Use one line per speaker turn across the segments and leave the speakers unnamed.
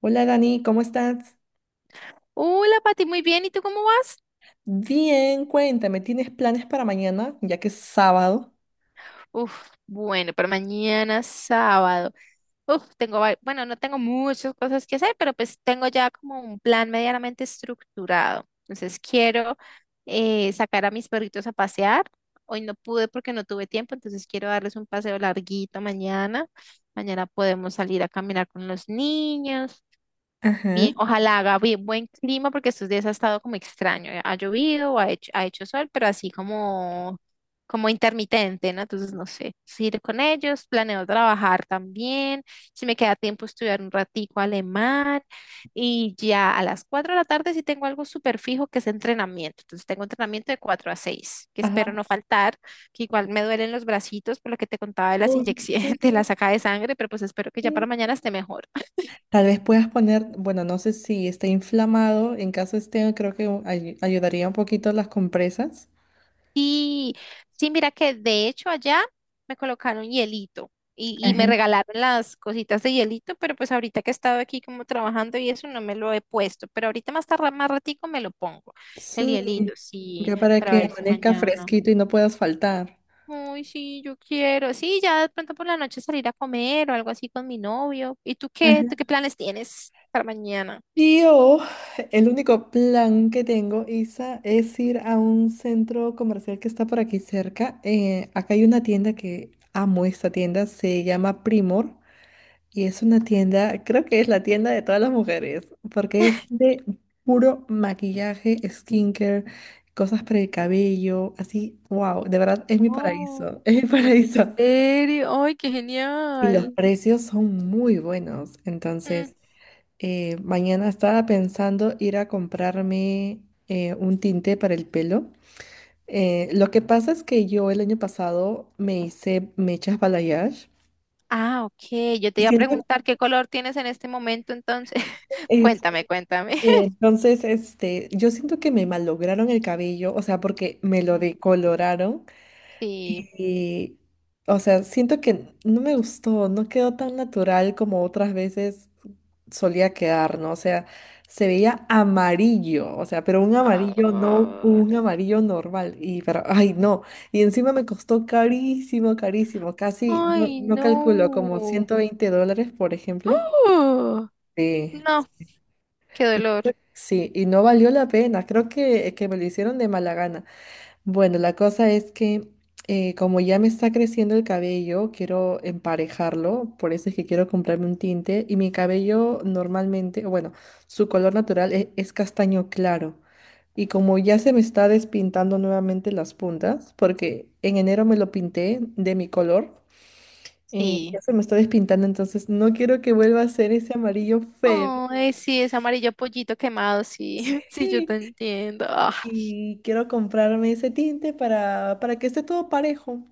Hola Dani, ¿cómo estás?
Hola, Pati, muy bien. ¿Y tú cómo vas?
Bien, cuéntame, ¿tienes planes para mañana, ya que es sábado?
Uf, bueno, pero mañana sábado. Uf, bueno, no tengo muchas cosas que hacer, pero pues tengo ya como un plan medianamente estructurado. Entonces quiero sacar a mis perritos a pasear. Hoy no pude porque no tuve tiempo, entonces quiero darles un paseo larguito mañana. Mañana podemos salir a caminar con los niños. Bien,
Ajá.
ojalá haga bien, buen clima porque estos días ha estado como extraño. Ha llovido, ha hecho sol, pero así como intermitente, ¿no? Entonces, no sé, ir con ellos, planeo trabajar también. Si me queda tiempo, estudiar un ratico alemán. Y ya a las 4 de la tarde sí tengo algo súper fijo que es entrenamiento. Entonces, tengo entrenamiento de 4 a 6 que espero
Ajá.
no faltar, que igual me duelen los bracitos por lo que te contaba de las
Uy,
inyecciones,
sí.
de la saca de sangre, pero pues espero que ya para mañana esté mejor.
Tal vez puedas poner, bueno, no sé si está inflamado, en caso esté, creo que ayudaría un poquito las compresas.
Sí, sí, mira que de hecho allá me colocaron hielito y me
Ajá.
regalaron las cositas de hielito, pero pues ahorita que he estado aquí como trabajando y eso no me lo he puesto, pero ahorita más tarde, más ratico me lo pongo, el
Sí,
hielito, sí,
ya para
para
que
ver si
amanezca
mañana.
fresquito y no puedas faltar.
Uy, sí, yo quiero. Sí, ya de pronto por la noche salir a comer o algo así con mi novio. ¿Y tú qué? ¿Tú qué planes tienes para mañana?
Yo, el único plan que tengo, Isa, es ir a un centro comercial que está por aquí cerca. Acá hay una tienda que amo esta tienda, se llama Primor y es una tienda, creo que es la tienda de todas las mujeres, porque es de puro maquillaje, skincare, cosas para el cabello, así, wow, de verdad es mi
Oh,
paraíso, es mi
¿en
paraíso.
serio? ¡Ay, qué
Y los
genial!
precios son muy buenos, entonces. Mañana estaba pensando ir a comprarme un tinte para el pelo. Lo que pasa es que yo el año pasado me hice mechas balayage
Ah, ok. Yo te
y
iba a
siento que
preguntar qué color tienes en este momento, entonces.
es,
Cuéntame, cuéntame.
entonces este, yo siento que me malograron el cabello, o sea, porque me lo
Mm,
decoloraron.
sí.
Y, o sea, siento que no me gustó, no quedó tan natural como otras veces solía quedar, ¿no? O sea, se veía amarillo, o sea, pero un amarillo no
Ah.
un amarillo normal. Y, pero, ay, no. Y encima me costó carísimo, carísimo, casi, no,
Ay,
no calculo, como
no.
$120, por ejemplo.
Uh,
Sí.
no, qué
Y-
dolor.
Sí, y no valió la pena, creo que me lo hicieron de mala gana. Bueno, la cosa es que como ya me está creciendo el cabello, quiero emparejarlo, por eso es que quiero comprarme un tinte y mi cabello normalmente, bueno, su color natural es, castaño claro. Y como ya se me está despintando nuevamente las puntas, porque en enero me lo pinté de mi color, ya
Sí.
se me está despintando, entonces no quiero que vuelva a ser ese amarillo feo.
Ay, sí, es amarillo pollito quemado, sí. Sí, yo te
Sí,
entiendo.
y quiero comprarme ese tinte para que esté todo parejo.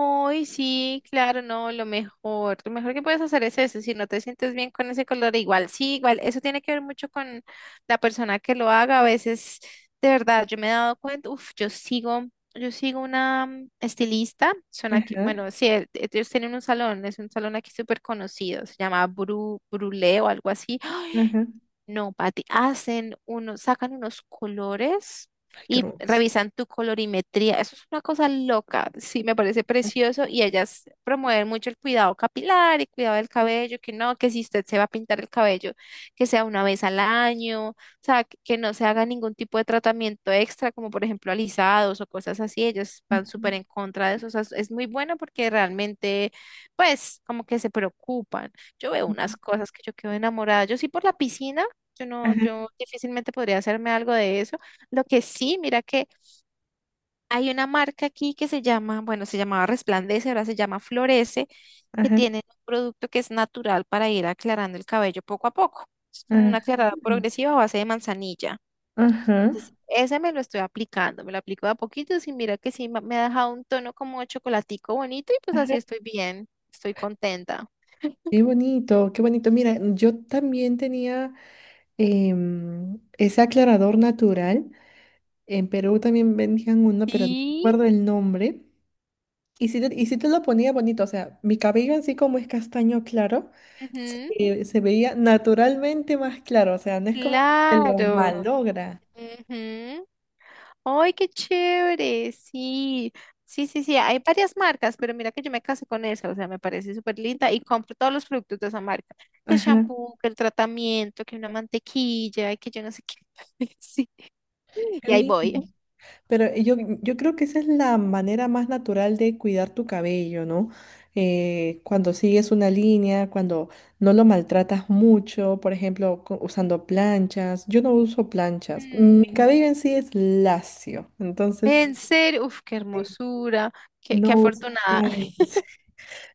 Hoy sí, claro, no, lo mejor que puedes hacer es eso, si no te sientes bien con ese color, igual, sí, igual, eso tiene que ver mucho con la persona que lo haga, a veces, de verdad, yo me he dado cuenta, uff, yo sigo una estilista, son aquí,
Ajá,
bueno, sí, ellos tienen un salón, es un salón aquí súper conocido, se llama Bru, Brulé o algo así,
ajá.
no, Pati, sacan unos colores
Qué
y
hermoso.
revisan tu colorimetría. Eso es una cosa loca, sí, me parece precioso y ellas promueven mucho el cuidado capilar y cuidado del cabello, que no, que si usted se va a pintar el cabello, que sea una vez al año, o sea, que no se haga ningún tipo de tratamiento extra, como por ejemplo alisados o cosas así. Ellas van súper en contra de eso. O sea, es muy bueno porque realmente, pues, como que se preocupan. Yo veo unas cosas que yo quedo enamorada. Yo sí por la piscina. Yo no,
Ajá,
yo difícilmente podría hacerme algo de eso. Lo que sí, mira que hay una marca aquí que se llama, bueno, se llamaba Resplandece, ahora se llama Florece, que
ajá,
tienen un producto que es natural para ir aclarando el cabello poco a poco. Es como una
ajá,
aclarada progresiva a base de manzanilla.
ajá,
Entonces, ese me lo estoy aplicando, me lo aplico de a poquitos y mira que sí ma- me ha dejado un tono como de chocolatico bonito y pues así
ajá.
estoy bien, estoy contenta.
Qué bonito, qué bonito. Mira, yo también tenía ese aclarador natural. En Perú también vendían uno, pero no
Sí,
recuerdo el nombre. Y si te, y sí te lo ponía bonito, o sea, mi cabello en sí como es castaño claro,
ujú,
se veía naturalmente más claro, o sea, no es como que lo
claro.
malogra.
Ujú. ¡Ay, qué chévere! Sí, sí, sí, sí. Hay varias marcas, pero mira que yo me casé con esa, o sea, me parece súper linda y compro todos los productos de esa marca. Que el
Ajá,
shampoo, que el tratamiento, que una mantequilla, que yo no sé qué. Sí, y
qué
ahí voy.
bien. Pero yo creo que esa es la manera más natural de cuidar tu cabello, ¿no? Cuando sigues una línea, cuando no lo maltratas mucho, por ejemplo, usando planchas. Yo no uso planchas. Mi
Mm,
cabello en sí es lacio, entonces.
en serio, uf, qué
Sí.
hermosura, qué
No uso
afortunada.
planchas.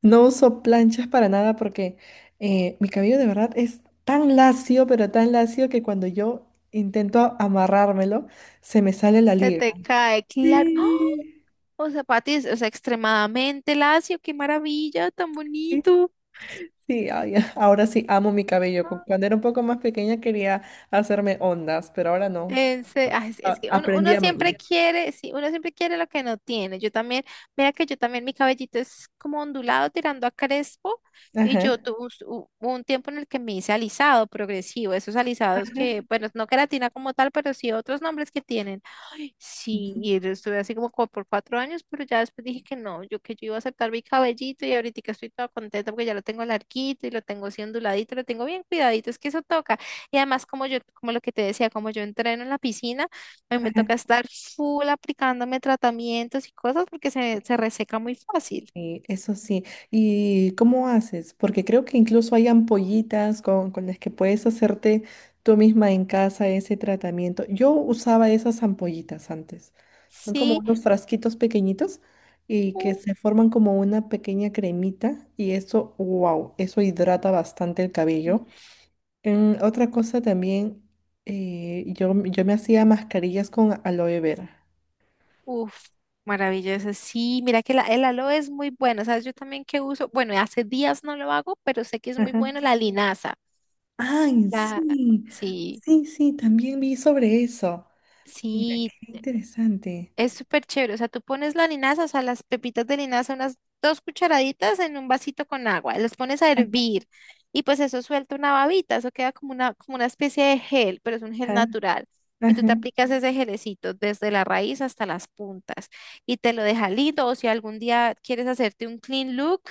No uso planchas para nada porque mi cabello de verdad es tan lacio, pero tan lacio que cuando yo intento amarrármelo, se me sale la
Se
liga.
te cae, claro. ¡Oh!
Sí.
O sea, Pati, o sea, extremadamente lacio, qué maravilla, tan bonito.
Sí, ay, ahora sí amo mi cabello. Cuando era un poco más pequeña quería hacerme ondas, pero ahora no.
Ay, sí, es que uno,
Aprendí
uno
a amarlo.
siempre quiere, sí, uno siempre quiere lo que no tiene. Yo también, mira que yo también, mi cabellito es como ondulado tirando a crespo y
Ajá,
yo tuve un tiempo en el que me hice alisado progresivo, esos alisados
ajá,
que, bueno, no queratina como tal, pero sí otros nombres que tienen. Sí, y yo estuve así como por 4 años, pero ya después dije que no, yo que yo iba a aceptar mi cabellito y ahorita estoy toda contenta porque ya lo tengo larguito y lo tengo así onduladito, lo tengo bien cuidadito, es que eso toca. Y además como yo, como lo que te decía, como yo entreno en la piscina, a mí me
ajá.
toca estar full aplicándome tratamientos y cosas porque se reseca muy fácil.
Sí, eso sí. ¿Y cómo haces? Porque creo que incluso hay ampollitas con las que puedes hacerte tú misma en casa ese tratamiento. Yo usaba esas ampollitas antes. Son como
Sí,
unos frasquitos pequeñitos y que
u-
se forman como una pequeña cremita y eso, wow, eso hidrata bastante el
sí.
cabello. En otra cosa también, yo me hacía mascarillas con aloe vera.
Uf, maravilloso. Sí, mira que la, el aloe es muy bueno, ¿sabes? Yo también que uso, bueno, hace días no lo hago, pero sé que es muy
Ajá.
bueno la linaza.
Ay,
La,
sí,
sí,
sí, sí, también vi sobre eso. Mira,
sí,
qué interesante.
es súper chévere. O sea, tú pones la linaza, o sea, las pepitas de linaza, unas 2 cucharaditas en un vasito con agua, las pones a hervir y pues eso suelta una babita, eso queda como una especie de gel, pero es un gel
Ajá.
natural. Y tú te
Ajá.
aplicas ese gelecito desde la raíz hasta las puntas y te lo deja lindo. O si algún día quieres hacerte un clean look,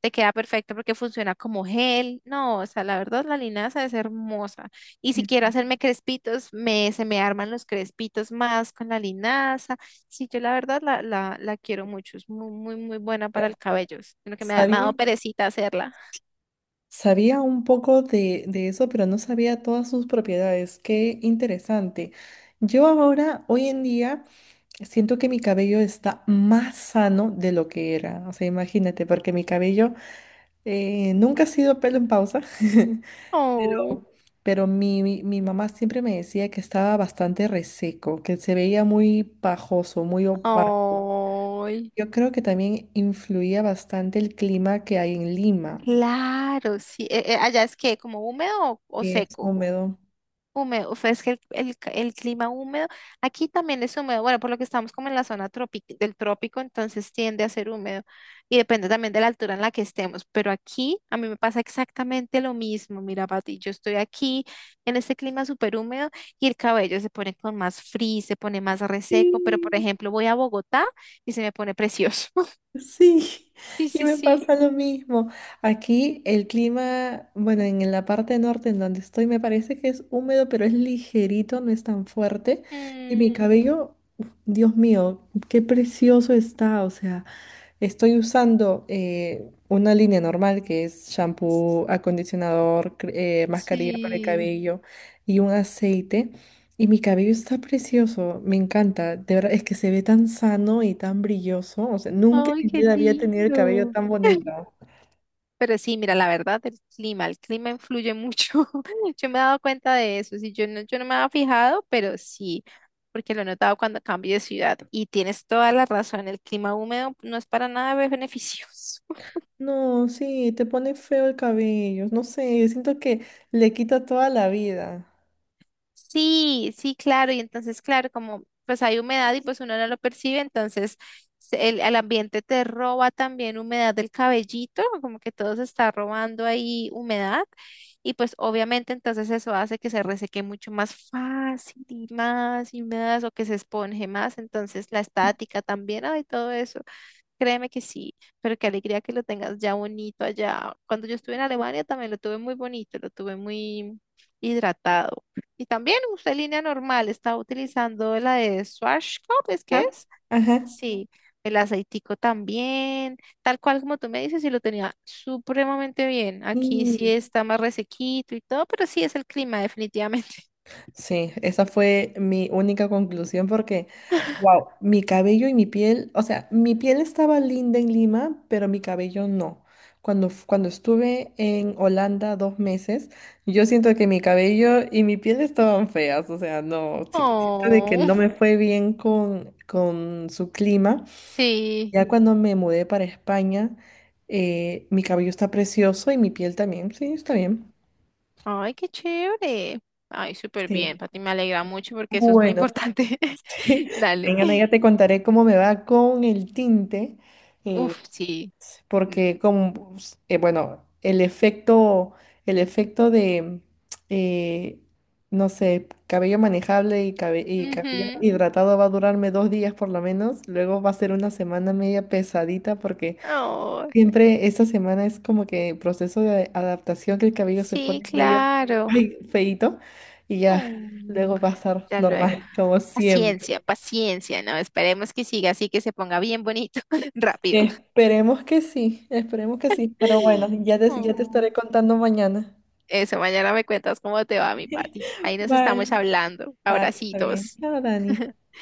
te queda perfecto porque funciona como gel. No, o sea, la verdad, la linaza es hermosa. Y si
qué-
quiero hacerme crespitos, se me arman los crespitos más con la linaza. Sí, yo la verdad la quiero mucho, es muy, muy, muy buena para el cabello, es lo que me ha
Sabía,
dado perecita hacerla.
sabía un poco de eso, pero no sabía todas sus propiedades. Qué interesante. Yo ahora, hoy en día, siento que mi cabello está más sano de lo que era. O sea, imagínate, porque mi cabello nunca ha sido pelo en pausa, pero,
Oh,
pero mi mamá siempre me decía que estaba bastante reseco, que se veía muy pajoso, muy opaco.
ay,
Yo creo que también influía bastante el clima que hay en Lima,
claro, sí. Allá es que como húmedo o
que es
seco.
húmedo.
Húmedo, es que el clima húmedo, aquí también es húmedo, bueno, por lo que estamos como en la zona tropi- del trópico, entonces tiende a ser húmedo y depende también de la altura en la que estemos, pero aquí a mí me pasa exactamente lo mismo, mira, Pati, yo estoy aquí en este clima súper húmedo y el cabello se pone con más frizz, se pone más reseco, pero por
Sí.
ejemplo voy a Bogotá y se me pone precioso.
Sí,
Sí,
y
sí,
me
sí.
pasa lo mismo. Aquí el clima, bueno, en la parte norte en donde estoy me parece que es húmedo, pero es ligerito, no es tan fuerte. Y mi
Mm,
cabello, uf, Dios mío, qué precioso está. O sea, estoy usando una línea normal que es shampoo, acondicionador, mascarilla para el
sí.
cabello y un aceite. Y mi cabello está precioso, me encanta. De verdad, es que se ve tan sano y tan brilloso. O sea, nunca
Ay,
en mi
qué
vida había tenido el cabello
lindo.
tan bonito.
Pero sí, mira, la verdad, el clima influye mucho. Yo me he dado cuenta de eso. Sí, yo no me había fijado, pero sí, porque lo he notado cuando cambio de ciudad. Y tienes toda la razón, el clima húmedo no es para nada beneficioso.
No, sí, te pone feo el cabello. No sé, siento que le quita toda la vida.
Sí, sí, claro. Y entonces, claro, como pues hay humedad y pues uno no lo percibe, entonces el ambiente te roba también humedad del cabellito, como que todo se está robando ahí humedad. Y pues obviamente entonces eso hace que se reseque mucho más fácil y más o que se esponje más. Entonces la estática también, hay todo eso. Créeme que sí, pero qué alegría que lo tengas ya bonito allá. Cuando yo estuve en Alemania también lo tuve muy bonito, lo tuve muy hidratado. Y también usé línea normal, estaba utilizando la de Schwarzkopf, ¿es que
Ajá.
es?
Ajá.
Sí, el aceitico también, tal cual como tú me dices, y lo tenía supremamente bien. Aquí sí
Sí.
está más resequito y todo, pero sí es el clima, definitivamente.
Sí, esa fue mi única conclusión porque, wow, mi cabello y mi piel, o sea, mi piel estaba linda en Lima, pero mi cabello no. Cuando estuve en Holanda 2 meses, yo siento que mi cabello y mi piel estaban feas, o sea, no, siento de que
Oh,
no me fue bien con su clima.
sí.
Ya cuando me mudé para España, mi cabello está precioso y mi piel también, sí, está bien.
Ay, qué chévere. Ay, súper bien,
Sí.
Pati, me alegra mucho porque eso es muy
Bueno,
importante. Dale.
mañana ya te contaré cómo me va con el tinte, eh,
Uf, sí. Mm,
porque como, bueno, el efecto de, eh, no sé, cabello manejable y, y cabello
ujú.
hidratado va a durarme 2 días por lo menos, luego va a ser una semana media pesadita porque
Oh,
siempre esta semana es como que proceso de adaptación que el cabello se
sí,
pone medio,
claro.
ay, feíto y ya,
Mm,
luego va a estar
ya luego.
normal como siempre.
Paciencia, paciencia, ¿no? Esperemos que siga así, que se ponga bien bonito, rápido.
Esperemos que sí, pero bueno, ya te estaré
Oh.
contando mañana.
Eso, mañana me cuentas cómo te va, mi Pati. Ahí nos
Vale,
estamos hablando.
vale, está bien.
Abracitos.
Chao, Dani.